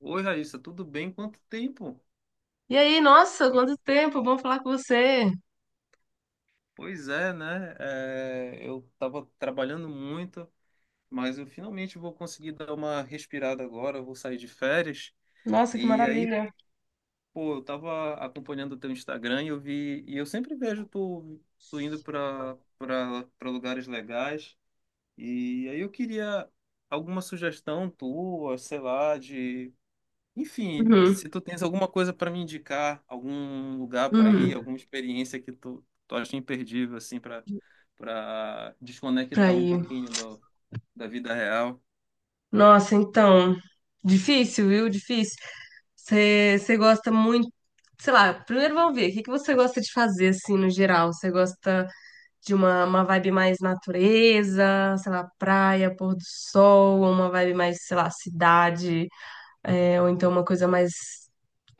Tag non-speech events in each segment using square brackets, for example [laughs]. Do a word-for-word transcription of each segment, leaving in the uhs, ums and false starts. Oi, Raíssa, tudo bem? Quanto tempo? E aí, nossa, quanto tempo, bom falar com você. Pois é, né? É, eu estava trabalhando muito, mas eu finalmente vou conseguir dar uma respirada agora. Eu vou sair de férias. Nossa, que E aí, maravilha. pô, eu estava acompanhando o teu Instagram e eu vi, e eu sempre vejo tu, tu indo para para lugares legais. E aí eu queria alguma sugestão tua, sei lá, de Enfim, Uhum, se tu tens alguma coisa para me indicar, algum lugar para ir, uhum. alguma experiência que tu, tu acha imperdível, assim, para para desconectar um Aí, pouquinho do, da vida real. nossa, então, difícil, viu? Difícil. Você você gosta muito, sei lá, primeiro vamos ver, o que que você gosta de fazer, assim, no geral? Você gosta de uma, uma vibe mais natureza, sei lá, praia, pôr do sol, ou uma vibe mais, sei lá, cidade, é, ou então uma coisa mais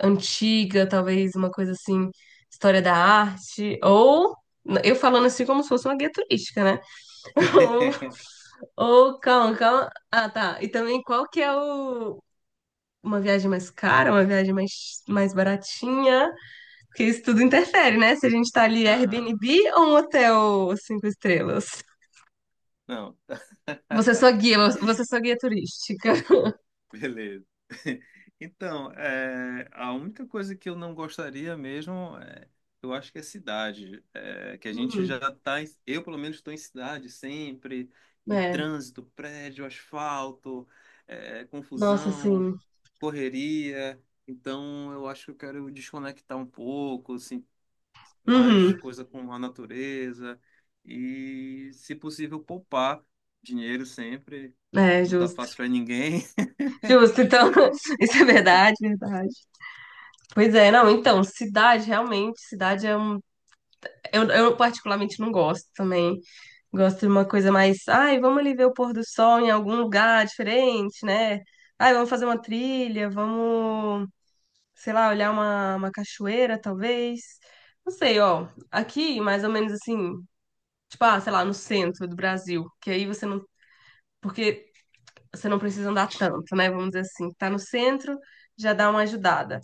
antiga, talvez uma coisa assim, história da arte, ou eu falando assim como se fosse uma guia turística, né? [laughs] [laughs] Ou, ou calma, calma. Ah, tá. E também qual que é o uma viagem mais cara, uma viagem mais, mais baratinha, porque isso tudo interfere, né? Se a gente tá ali Aham. Airbnb ou um hotel cinco estrelas. Não. Você é só guia, você é só guia turística. Beleza. [laughs] Então, é, a única coisa que eu não gostaria mesmo, é, eu acho que é cidade. É, que a gente Uhum. já [laughs] tá, em- eu pelo menos estou em cidade sempre, e É, trânsito, prédio, asfalto, é, nossa, confusão, sim. correria. Então, eu acho que eu quero desconectar um pouco, assim, mais Uhum. coisa com a natureza e, se possível, poupar dinheiro sempre. É, Não tá justo. fácil para ninguém. Justo, então, [laughs] isso é verdade, verdade. Pois é, não, então, cidade, realmente, cidade é um. Eu, eu particularmente não gosto também. Gosto de uma coisa mais. Ai, vamos ali ver o pôr do sol em algum lugar diferente, né? Ai, vamos fazer uma trilha, vamos, sei lá, olhar uma, uma cachoeira, talvez. Não sei, ó. Aqui, mais ou menos assim, tipo, ah, sei lá, no centro do Brasil. Que aí você não. Porque você não precisa andar tanto, né? Vamos dizer assim. Tá no centro, já dá uma ajudada.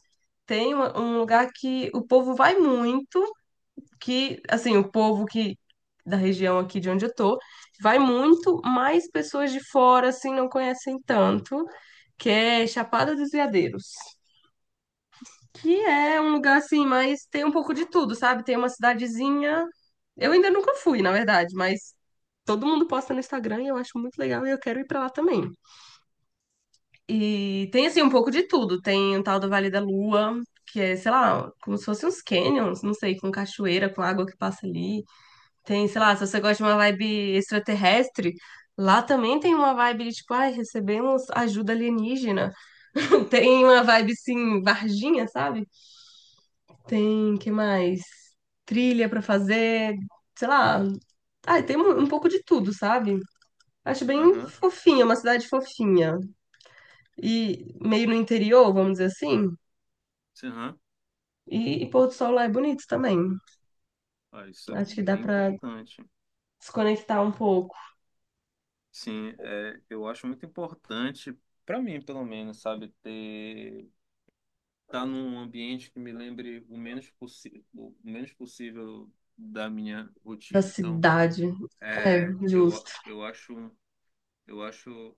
Tem uma- um lugar que o povo vai muito, que, assim, o povo que da região aqui de onde eu tô, vai muito, mas pessoas de fora, assim, não conhecem tanto, que é Chapada dos Veadeiros, que é um lugar, assim, mas tem um pouco de tudo, sabe? Tem uma cidadezinha, eu ainda nunca fui, na verdade, mas todo mundo posta no Instagram e eu acho muito legal e eu quero ir pra lá também. E tem, assim, um pouco de tudo, tem o tal do Vale da Lua, que é, sei lá, como se fossem uns canyons, não sei, com cachoeira, com água que passa ali. Tem, sei lá, se você gosta de uma vibe extraterrestre, lá também tem uma vibe de tipo, ai, recebemos ajuda alienígena. [laughs] Tem uma vibe assim, Varginha, sabe? Tem, que mais? Trilha pra fazer, sei lá. Ai, tem um, um pouco de tudo, sabe? Acho bem [laughs] fofinha, uma cidade fofinha. E meio no interior, vamos dizer assim. Sim, aham. E, e pôr do sol lá é bonito também. Ah, isso é Acho que dá bem pra importante. desconectar um pouco Sim, é, eu acho muito importante, para mim, pelo menos, sabe, ter estar num ambiente que me lembre o menos possível, o menos possível da minha da rotina. Então, cidade. É, é, justo. eu, eu acho, eu acho,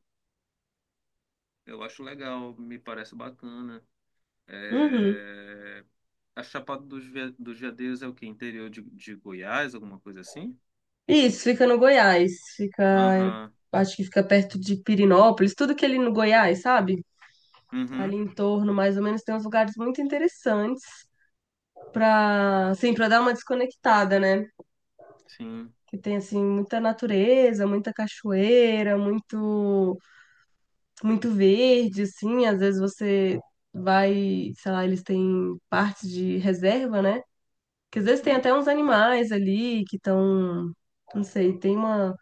eu acho legal, me parece bacana. Uhum. É, a Chapada dos, Ve- dos Veadeiros é o quê? Interior de, de Goiás, alguma coisa assim? Isso, fica no Goiás. Fica, Aham, acho que fica perto de Pirinópolis, tudo que é ali no Goiás, sabe? Ali uhum, em torno, mais ou menos, tem uns lugares muito interessantes para, assim, para dar uma desconectada, né? sim, Que tem assim muita natureza, muita cachoeira, muito muito verde, assim, às vezes você vai, sei lá, eles têm partes de reserva, né? Que às vezes tem uhum, até uns animais ali que estão, não sei, tem uma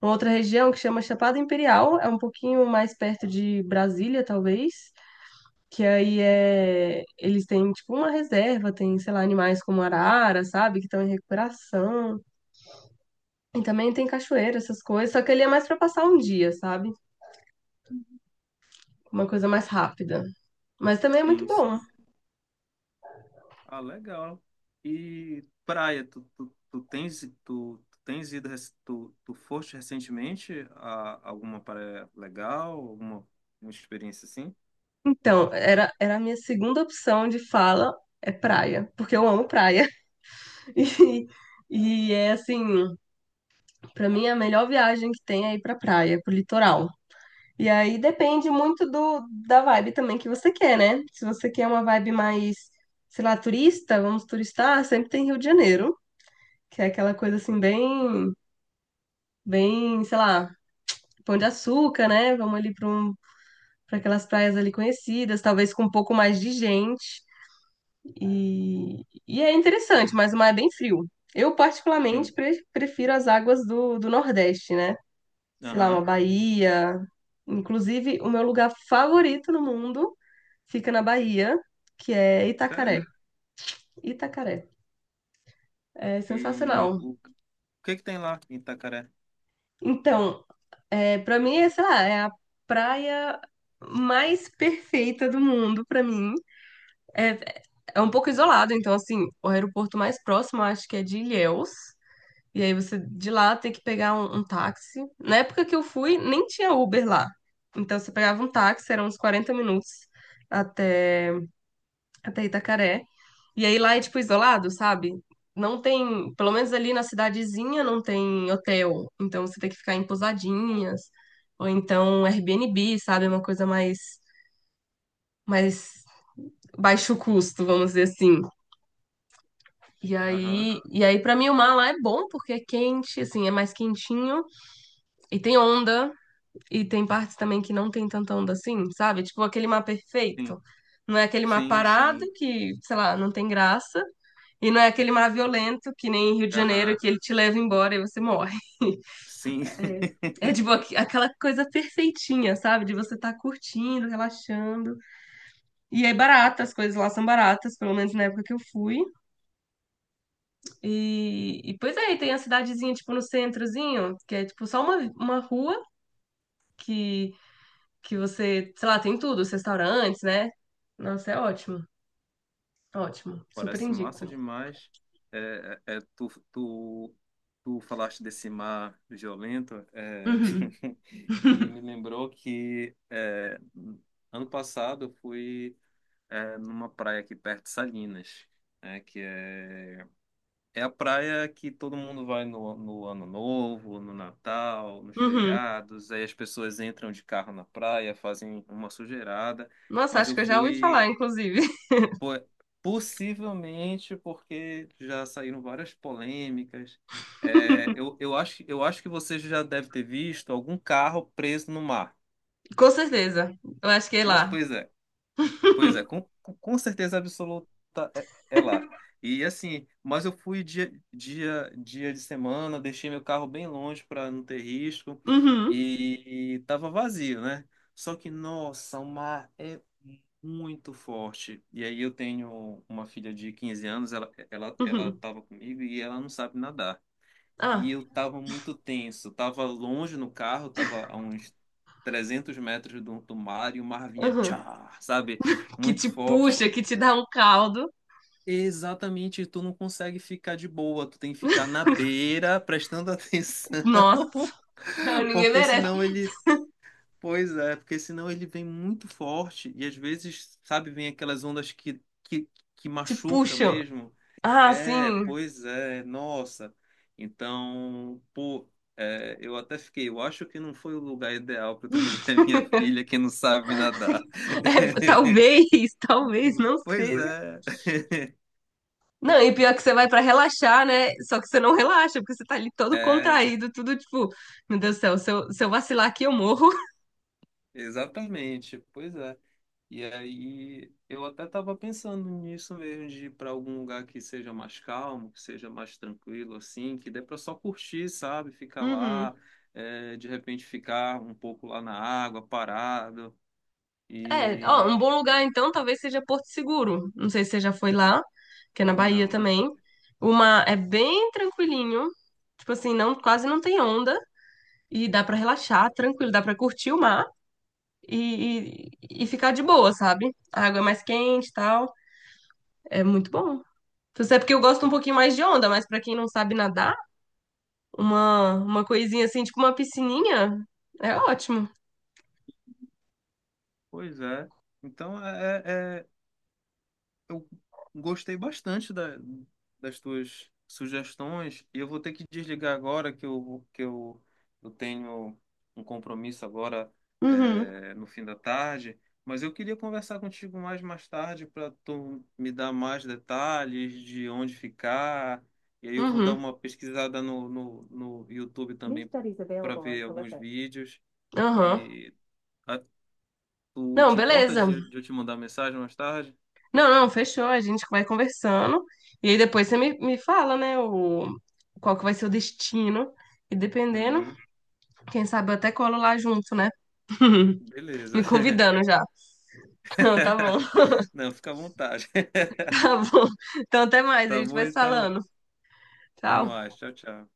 Uma outra região que chama Chapada Imperial, é um pouquinho mais perto de Brasília, talvez, que aí é eles têm tipo uma reserva, tem, sei lá, animais como arara, sabe, que estão em recuperação. E também tem cachoeira, essas coisas, só que ele é mais para passar um dia, sabe? Uma coisa mais rápida. Mas também é muito sim, bom. sim. Ah, legal. E praia, tu, tu, tu tens, tu, tu tens ido, rec- tu, tu foste recentemente a alguma praia legal, alguma uma experiência assim? Então, era, era a minha segunda opção de fala é praia, porque eu amo praia. [laughs] E, e é assim, pra mim a melhor viagem que tem é ir pra praia, pro litoral. E aí depende muito do, da vibe também que você quer, né? Se você quer uma vibe mais, sei lá, turista, vamos turistar, sempre tem Rio de Janeiro, que é aquela coisa assim bem, bem, sei lá, Pão de Açúcar, né? Vamos ali para um, para aquelas praias ali conhecidas, talvez com um pouco mais de gente. E, e é interessante, mas o mar é bem frio. Eu particularmente Sim. pre- prefiro as águas do, do Nordeste, né? Sei lá, uma Aham. Bahia. Inclusive, o meu lugar favorito no mundo fica na Bahia, que é É? Itacaré. Itacaré. É E sensacional. o, o que que tem lá em Itacaré? Então, é, para mim, é, sei lá, é a praia mais perfeita do mundo para mim. É, é é um pouco isolado, então, assim, o aeroporto mais próximo eu acho que é de Ilhéus. E aí você de lá tem que pegar um, um táxi. Na época que eu fui, nem tinha Uber lá. Então você pegava um táxi, eram uns quarenta minutos até, até Itacaré. E aí lá é tipo isolado, sabe? Não tem, pelo menos ali na cidadezinha não tem hotel. Então você tem que ficar em pousadinhas, ou então Airbnb, sabe? É uma coisa mais, mais baixo custo, vamos dizer assim. E Aham. aí, e aí para mim o mar lá é bom porque é quente, assim, é mais quentinho. E tem onda, e tem partes também que não tem tanta onda assim, sabe? Tipo aquele mar Sim. perfeito. Não é aquele mar Sim, parado sim. que, sei lá, não tem graça. E não é aquele mar violento que nem Rio de Janeiro Aham. que ele te leva embora e você morre. [laughs] Sim. É tipo aqu- aquela coisa perfeitinha, sabe? De você estar curtindo, relaxando. E é barata, as coisas lá são baratas, pelo menos na época que eu fui. E, e pois é, e tem a cidadezinha, tipo, no centrozinho, que é tipo só uma, uma rua que, que você, sei lá, tem tudo, os restaurantes, né? Nossa, é ótimo. Ótimo, super Parece massa indico. demais. É, é, é, tu, tu, tu falaste desse mar violento, é, Uhum. [laughs] e me [laughs] lembrou que é, ano passado eu fui é, numa praia aqui perto de Salinas, né, que é, é a praia que todo mundo vai no, no Ano Novo, no Natal, nos Uhum. feriados, aí as pessoas entram de carro na praia, fazem uma sujeirada, Nossa, mas acho eu que eu já ouvi fui. falar, inclusive. [laughs] Po- Possivelmente porque já saíram várias polêmicas. É, eu, eu acho, eu acho que você já deve ter visto algum carro preso no mar. Com certeza. Eu acho que é Mas, lá. pois é. Pois é, com, com com certeza absoluta é, é lá. E assim, mas eu fui dia, dia, dia de semana, deixei meu carro bem longe para não ter risco Uhum. e, e tava vazio, né? Só que, nossa, o mar é muito forte. E aí eu tenho uma filha de quinze anos, ela, ela, ela Uhum. tava comigo e ela não sabe nadar e Ah, eu tava muito tenso. Tava longe no carro, tava a uns trezentos metros do, do mar e o mar vinha, uhum. tchá, sabe? Que Muito te forte. puxa, que te dá um caldo. Exatamente, tu não consegue ficar de boa, tu tem que ficar na beira, prestando atenção, Nossa, não, [laughs] ninguém porque merece. senão ele. Pois é, porque senão ele vem muito forte e às vezes, sabe, vem aquelas ondas que, que, que Te machuca puxam. mesmo. Ah, sim. É, pois é, nossa. Então, pô, é, eu até fiquei, eu acho que não foi o lugar ideal para [laughs] trazer a minha filha que não sabe nadar. É, [laughs] talvez, [laughs] talvez não Pois seja. é, Não, e pior que você vai pra relaxar, né? Só que você não relaxa, porque você tá ali todo é, contraído, tudo tipo, meu Deus do céu, se eu, se eu vacilar aqui, eu morro. exatamente, pois é. E aí eu até estava pensando nisso mesmo, de ir para algum lugar que seja mais calmo, que seja mais tranquilo, assim, que dê para só curtir, sabe? Ficar Uhum. lá, é, de repente ficar um pouco lá na água, parado. É, ó, E. um bom lugar então talvez seja Porto Seguro. Não sei se você já foi lá, que é na Bahia Não, não- também. Uma é bem tranquilinho, tipo assim, não quase não tem onda e dá pra relaxar, tranquilo, dá pra curtir o mar e, e, e ficar de boa, sabe? A água é mais quente, e tal, é muito bom. Então, isso é porque eu gosto um pouquinho mais de onda, mas pra quem não sabe nadar, uma uma coisinha assim, tipo uma piscininha, é ótimo. pois é. Então, é, é- é, eu gostei bastante da- das tuas sugestões e eu vou ter que desligar agora que eu, que eu, eu tenho um compromisso agora Uhum, é, no fim da tarde, mas eu queria conversar contigo mais mais tarde para tu me dar mais detalhes de onde ficar e aí eu vou dar uhum, uma pesquisada no, no, no YouTube também Nisto, Isabel, para ver alguns conversa. Vídeos aham. e Tu Não, te importa beleza. de, de eu te mandar mensagem mais tarde? Não, não, fechou. A gente vai conversando. E aí depois você me, me fala, né, o, qual que vai ser o destino. E dependendo, Uhum. quem sabe eu até colo lá junto, né? Me Beleza. [laughs] convidando já. Não, tá bom, Não, fica à vontade. [laughs] [laughs] tá bom. Então até mais, a Tá gente bom vai se então. falando. Até Tchau. mais. Tchau, tchau.